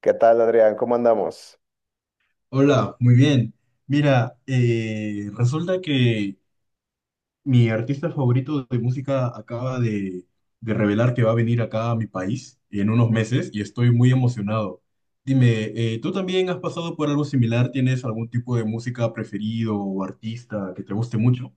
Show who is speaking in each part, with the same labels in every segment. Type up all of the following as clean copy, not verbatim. Speaker 1: ¿Qué tal, Adrián? ¿Cómo andamos?
Speaker 2: Hola, muy bien. Mira, resulta que mi artista favorito de música acaba de revelar que va a venir acá a mi país en unos meses y estoy muy emocionado. Dime, ¿tú también has pasado por algo similar? ¿Tienes algún tipo de música preferido o artista que te guste mucho?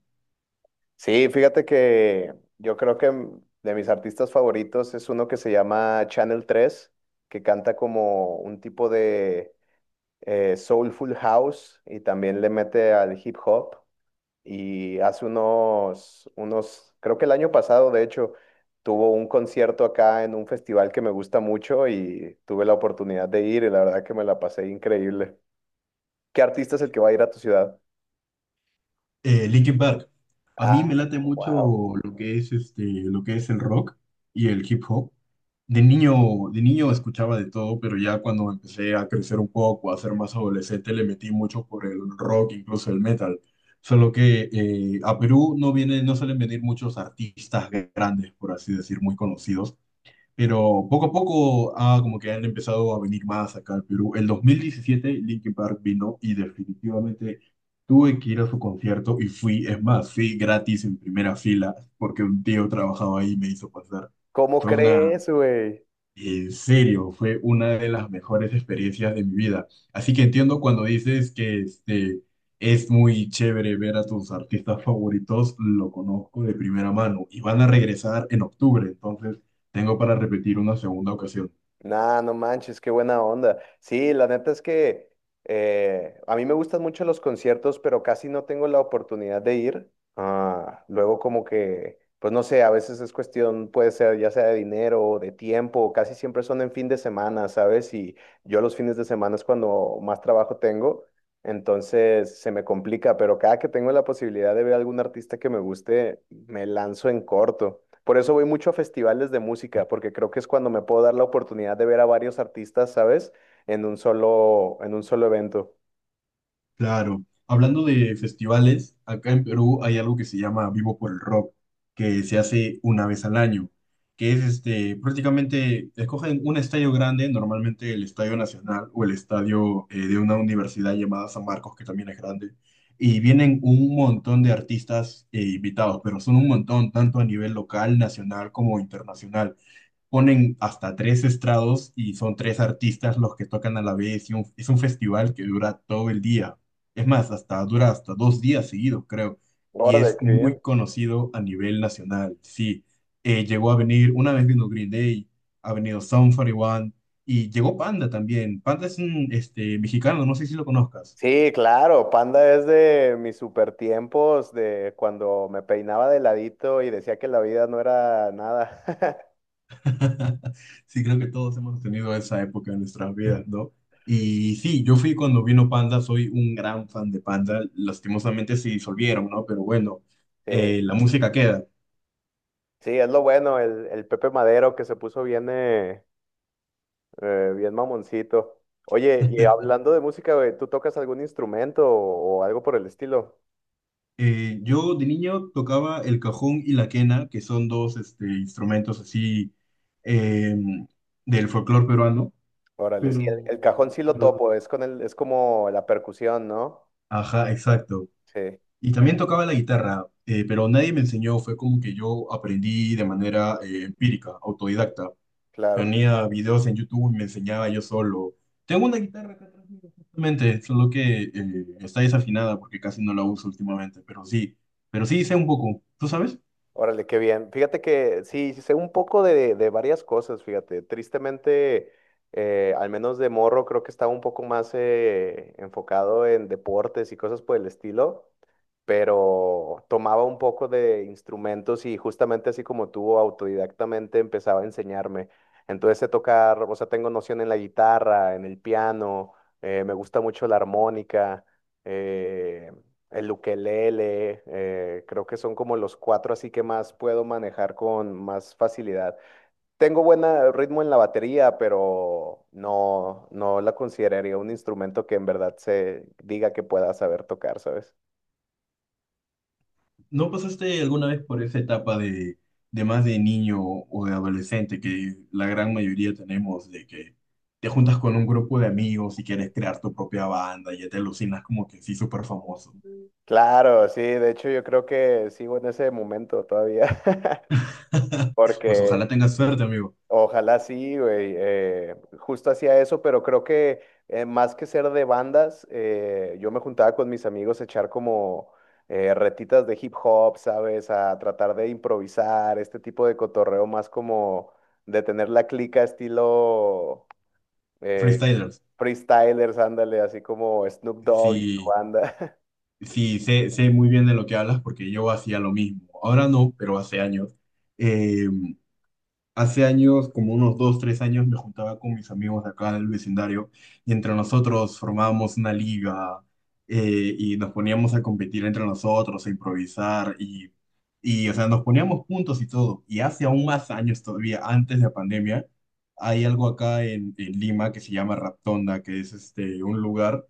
Speaker 1: Sí, fíjate que yo creo que de mis artistas favoritos es uno que se llama Channel 3, que canta como un tipo de soulful house y también le mete al hip hop. Y hace unos, creo que el año pasado, de hecho, tuvo un concierto acá en un festival que me gusta mucho y tuve la oportunidad de ir y la verdad que me la pasé increíble. ¿Qué artista es el que va a ir a tu ciudad?
Speaker 2: Linkin Park. A mí
Speaker 1: Ah,
Speaker 2: me late mucho
Speaker 1: wow.
Speaker 2: lo que es el rock y el hip hop. De niño, escuchaba de todo, pero ya cuando empecé a crecer un poco, a ser más adolescente, le metí mucho por el rock, incluso el metal. Solo que a Perú no viene, no suelen venir muchos artistas grandes, por así decir, muy conocidos. Pero poco a poco como que han empezado a venir más acá al Perú. El 2017 Linkin Park vino y definitivamente tuve que ir a su concierto y fui, es más, fui gratis en primera fila porque un tío trabajaba ahí y me hizo pasar.
Speaker 1: ¿Cómo
Speaker 2: Fue una
Speaker 1: crees, güey?
Speaker 2: en serio, fue una de las mejores experiencias de mi vida. Así que entiendo cuando dices que es muy chévere ver a tus artistas favoritos, lo conozco de primera mano y van a regresar en octubre, entonces tengo para repetir una segunda ocasión.
Speaker 1: Nah, no manches, qué buena onda. Sí, la neta es que a mí me gustan mucho los conciertos, pero casi no tengo la oportunidad de ir. Ah, luego como que, pues no sé, a veces es cuestión, puede ser ya sea de dinero o de tiempo, casi siempre son en fin de semana, ¿sabes? Y yo los fines de semana es cuando más trabajo tengo, entonces se me complica, pero cada que tengo la posibilidad de ver a algún artista que me guste, me lanzo en corto. Por eso voy mucho a festivales de música, porque creo que es cuando me puedo dar la oportunidad de ver a varios artistas, ¿sabes? En un solo evento.
Speaker 2: Claro. Hablando de festivales, acá en Perú hay algo que se llama Vivo por el Rock, que se hace una vez al año, prácticamente, escogen un estadio grande, normalmente el Estadio Nacional o el estadio de una universidad llamada San Marcos, que también es grande, y vienen un montón de artistas invitados, pero son un montón, tanto a nivel local, nacional como internacional. Ponen hasta tres estrados y son tres artistas los que tocan a la vez y es un festival que dura todo el día. Es más, hasta dura hasta dos días seguidos, creo. Y
Speaker 1: Órale,
Speaker 2: es
Speaker 1: qué
Speaker 2: muy
Speaker 1: bien.
Speaker 2: conocido a nivel nacional. Sí. Llegó a venir, una vez vino Green Day, ha venido Sum 41 y llegó Panda también. Panda es un mexicano, no sé si lo conozcas.
Speaker 1: Sí, claro, Panda es de mis super tiempos, de cuando me peinaba de ladito y decía que la vida no era nada.
Speaker 2: Sí, creo que todos hemos tenido esa época en nuestras vidas, ¿no? Y sí, yo fui cuando vino Panda, soy un gran fan de Panda, lastimosamente se disolvieron, ¿no? Pero bueno,
Speaker 1: Sí,
Speaker 2: la música queda.
Speaker 1: sí, es lo bueno, el Pepe Madero que se puso bien, bien mamoncito. Oye, y hablando de música, güey, ¿tú tocas algún instrumento o algo por el estilo?
Speaker 2: Yo de niño tocaba el cajón y la quena, que son dos instrumentos así eh, del folclore peruano,
Speaker 1: Órale. Sí, el cajón
Speaker 2: pero,
Speaker 1: sí lo
Speaker 2: pero,
Speaker 1: topo, es con el, es como la percusión, ¿no?
Speaker 2: ajá, exacto.
Speaker 1: Sí,
Speaker 2: Y también tocaba la guitarra, pero nadie me enseñó, fue como que yo aprendí de manera empírica, autodidacta.
Speaker 1: claro.
Speaker 2: Ponía videos en YouTube y me enseñaba yo solo. Tengo una guitarra acá atrás mío, justamente, solo que está desafinada porque casi no la uso últimamente, pero sí sé un poco. ¿Tú sabes?
Speaker 1: Órale, qué bien. Fíjate que sí, sí sé un poco de varias cosas, fíjate. Tristemente, al menos de morro, creo que estaba un poco más enfocado en deportes y cosas por el estilo. Pero tomaba un poco de instrumentos y justamente así como tú, autodidactamente empezaba a enseñarme. Entonces sé tocar, o sea, tengo noción en la guitarra, en el piano, me gusta mucho la armónica, eh, el ukelele, creo que son como los cuatro así que más puedo manejar con más facilidad. Tengo buen ritmo en la batería, pero no, no la consideraría un instrumento que en verdad se diga que pueda saber tocar, ¿sabes?
Speaker 2: ¿No pasaste alguna vez por esa etapa de más de niño o de adolescente que la gran mayoría tenemos de que te juntas con un grupo de amigos y quieres crear tu propia banda y ya te alucinas como que sí, súper famoso?
Speaker 1: Claro, sí, de hecho yo creo que sigo en ese momento todavía.
Speaker 2: Pues ojalá
Speaker 1: Porque
Speaker 2: tengas suerte, amigo.
Speaker 1: ojalá sí, güey, justo hacía eso, pero creo que más que ser de bandas, yo me juntaba con mis amigos a echar como retitas de hip hop, ¿sabes? A tratar de improvisar, este tipo de cotorreo más como de tener la clica estilo eh,
Speaker 2: Freestylers.
Speaker 1: freestylers, ándale, así como Snoop Dogg y su
Speaker 2: Sí.
Speaker 1: banda.
Speaker 2: Sí. Sé muy bien de lo que hablas porque yo hacía lo mismo. Ahora no, pero hace años. Eh, Hace años, como unos dos, tres años, me juntaba con mis amigos de acá del vecindario y entre nosotros formábamos una liga y nos poníamos a competir entre nosotros, a improvisar y, o sea, nos poníamos puntos y todo. Y hace aún más años todavía, antes de la pandemia, hay algo acá en Lima que se llama Raptonda, que es un lugar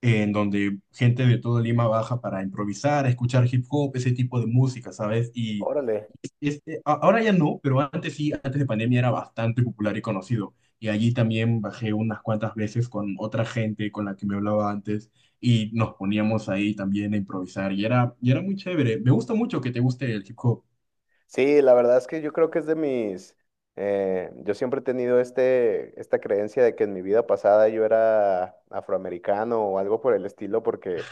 Speaker 2: en donde gente de todo Lima baja para improvisar, escuchar hip hop, ese tipo de música, ¿sabes? Y
Speaker 1: Órale.
Speaker 2: ahora ya no, pero antes sí, antes de pandemia era bastante popular y conocido. Y allí también bajé unas cuantas veces con otra gente con la que me hablaba antes y nos poníamos ahí también a improvisar y era muy chévere. Me gusta mucho que te guste el hip hop.
Speaker 1: Sí, la verdad es que yo creo que es de mis, yo siempre he tenido este, esta creencia de que en mi vida pasada yo era afroamericano o algo por el estilo, porque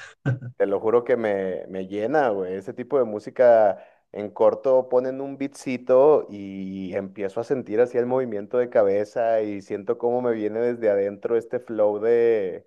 Speaker 1: te lo juro que me llena, güey. Ese tipo de música en corto ponen un beatcito y empiezo a sentir así el movimiento de cabeza y siento cómo me viene desde adentro este flow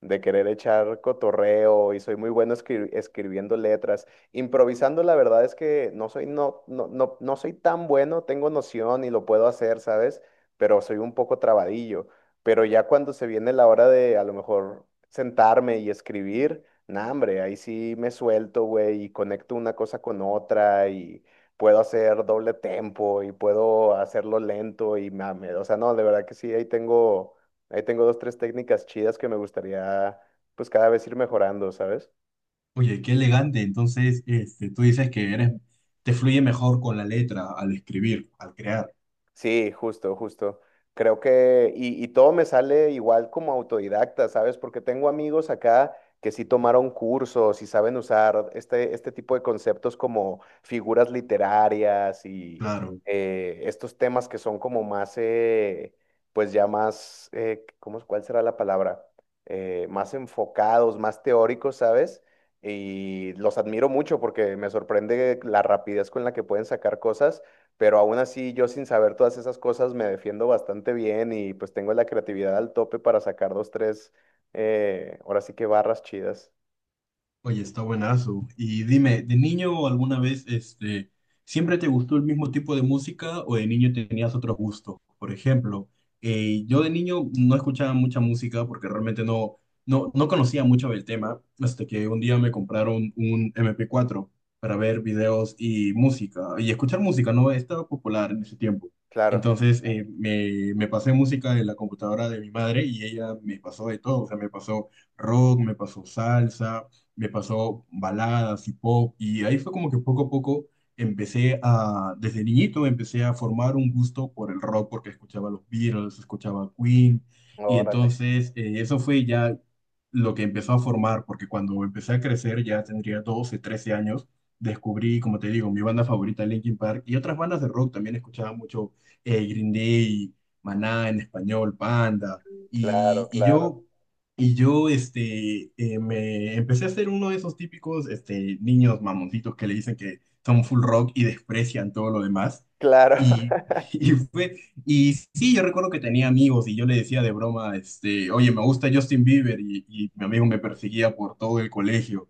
Speaker 1: de querer echar cotorreo y soy muy bueno escribiendo letras. Improvisando, la verdad es que no soy, no, no, no, no soy tan bueno, tengo noción y lo puedo hacer, ¿sabes? Pero soy un poco trabadillo. Pero ya cuando se viene la hora de a lo mejor sentarme y escribir, nah, hombre, ahí sí me suelto, güey, y conecto una cosa con otra y puedo hacer doble tempo y puedo hacerlo lento y mame, o sea, no, de verdad que sí, ahí tengo dos, tres técnicas chidas que me gustaría, pues, cada vez ir mejorando, ¿sabes?
Speaker 2: Oye, qué elegante. Entonces, tú dices que eres, te fluye mejor con la letra al escribir, al crear.
Speaker 1: Sí, justo, justo. Creo que, y todo me sale igual como autodidacta, ¿sabes? Porque tengo amigos acá que sí tomaron cursos y saben usar este, este tipo de conceptos como figuras literarias y
Speaker 2: Claro.
Speaker 1: estos temas que son como más, pues ya más, ¿cómo, cuál será la palabra? Más enfocados, más teóricos, ¿sabes? Y los admiro mucho porque me sorprende la rapidez con la que pueden sacar cosas, pero aún así yo sin saber todas esas cosas me defiendo bastante bien y pues tengo la creatividad al tope para sacar dos, tres, ahora sí que barras chidas.
Speaker 2: Oye, está buenazo. Y dime, ¿de niño alguna vez, siempre te gustó el mismo tipo de música o de niño tenías otros gustos? Por ejemplo, yo de niño no escuchaba mucha música porque realmente no conocía mucho del tema, hasta que un día me compraron un MP4 para ver videos y música, y escuchar música, ¿no? Estaba popular en ese tiempo.
Speaker 1: Claro,
Speaker 2: Entonces, me pasé música en la computadora de mi madre y ella me pasó de todo, o sea, me pasó rock, me pasó salsa, me pasó baladas y pop, y ahí fue como que poco a poco desde niñito empecé a formar un gusto por el rock, porque escuchaba los Beatles, escuchaba Queen, y
Speaker 1: órale,
Speaker 2: entonces eso fue ya lo que empezó a formar, porque cuando empecé a crecer, ya tendría 12 13 años, descubrí, como te digo, mi banda favorita, Linkin Park, y otras bandas de rock también escuchaba mucho Green Day, Maná en español, Panda.
Speaker 1: claro,
Speaker 2: Y, y
Speaker 1: claro,
Speaker 2: yo y yo me empecé a ser uno de esos típicos niños mamoncitos que le dicen que son full rock y desprecian todo lo demás.
Speaker 1: claro,
Speaker 2: Y, y, fue, y sí, yo recuerdo que tenía amigos y yo le decía de broma, oye, me gusta Justin Bieber y mi amigo me perseguía por todo el colegio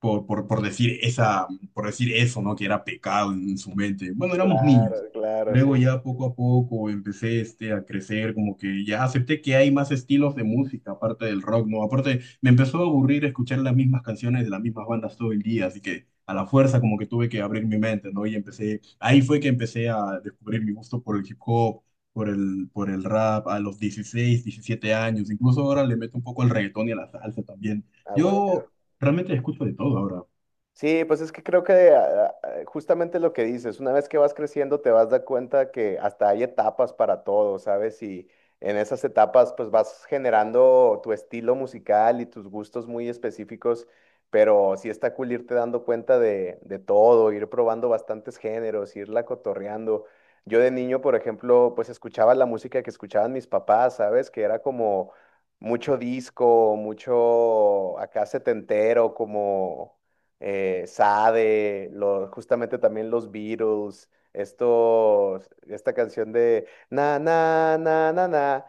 Speaker 2: por, por, por decir esa, por decir eso, ¿no? Que era pecado en su mente. Bueno, éramos niños.
Speaker 1: claro, claro, sí,
Speaker 2: Luego ya poco a poco empecé a crecer, como que ya acepté que hay más estilos de música aparte del rock, ¿no? Aparte, me empezó a aburrir escuchar las mismas canciones de las mismas bandas todo el día, así que a la fuerza como que tuve que abrir mi mente, ¿no? Ahí fue que empecé a descubrir mi gusto por el hip hop, por el rap, a los 16 17 años, incluso ahora le meto un poco al reggaetón y a la salsa también.
Speaker 1: a huevo.
Speaker 2: Yo Realmente escucho de todo ahora.
Speaker 1: Sí, pues es que creo que justamente lo que dices, una vez que vas creciendo te vas a dar cuenta que hasta hay etapas para todo, ¿sabes? Y en esas etapas pues vas generando tu estilo musical y tus gustos muy específicos, pero sí está cool irte dando cuenta de todo, ir probando bastantes géneros, irla cotorreando. Yo de niño, por ejemplo, pues escuchaba la música que escuchaban mis papás, ¿sabes? Que era como mucho disco, mucho acá setentero, como Sade, justamente también los Beatles, estos, esta canción de na na na na na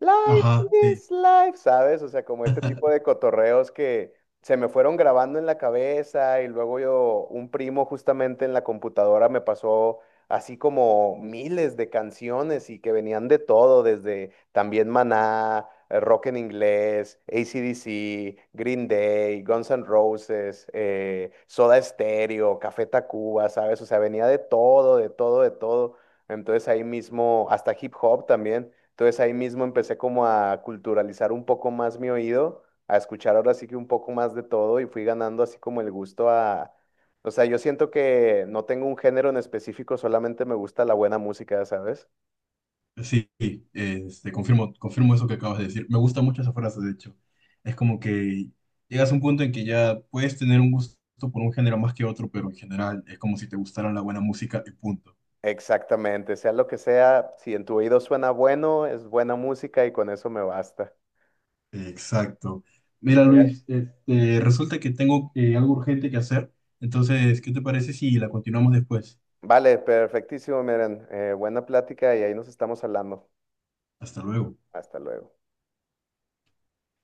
Speaker 1: Life
Speaker 2: Ajá, sí,
Speaker 1: is life, ¿sabes? O sea, como este tipo de cotorreos que se me fueron grabando en la cabeza y luego yo, un primo justamente en la computadora me pasó así como miles de canciones y que venían de todo, desde también Maná, rock en inglés, AC/DC, Green Day, Guns N' Roses, Soda Stereo, Café Tacuba, ¿sabes? O sea, venía de todo, de todo, de todo. Entonces ahí mismo, hasta hip hop también. Entonces ahí mismo empecé como a culturalizar un poco más mi oído, a escuchar ahora sí que un poco más de todo y fui ganando así como el gusto a... O sea, yo siento que no tengo un género en específico, solamente me gusta la buena música, ¿sabes?
Speaker 2: sí, sí, confirmo eso que acabas de decir. Me gusta mucho esa frase, de hecho. Es como que llegas a un punto en que ya puedes tener un gusto por un género más que otro, pero en general es como si te gustara la buena música y punto.
Speaker 1: Exactamente, sea lo que sea, si en tu oído suena bueno, es buena música y con eso me basta.
Speaker 2: Exacto. Mira, Luis, resulta que tengo algo urgente que hacer, entonces, ¿qué te parece si la continuamos después?
Speaker 1: Vale, perfectísimo, miren, buena plática y ahí nos estamos hablando.
Speaker 2: Hasta luego.
Speaker 1: Hasta luego.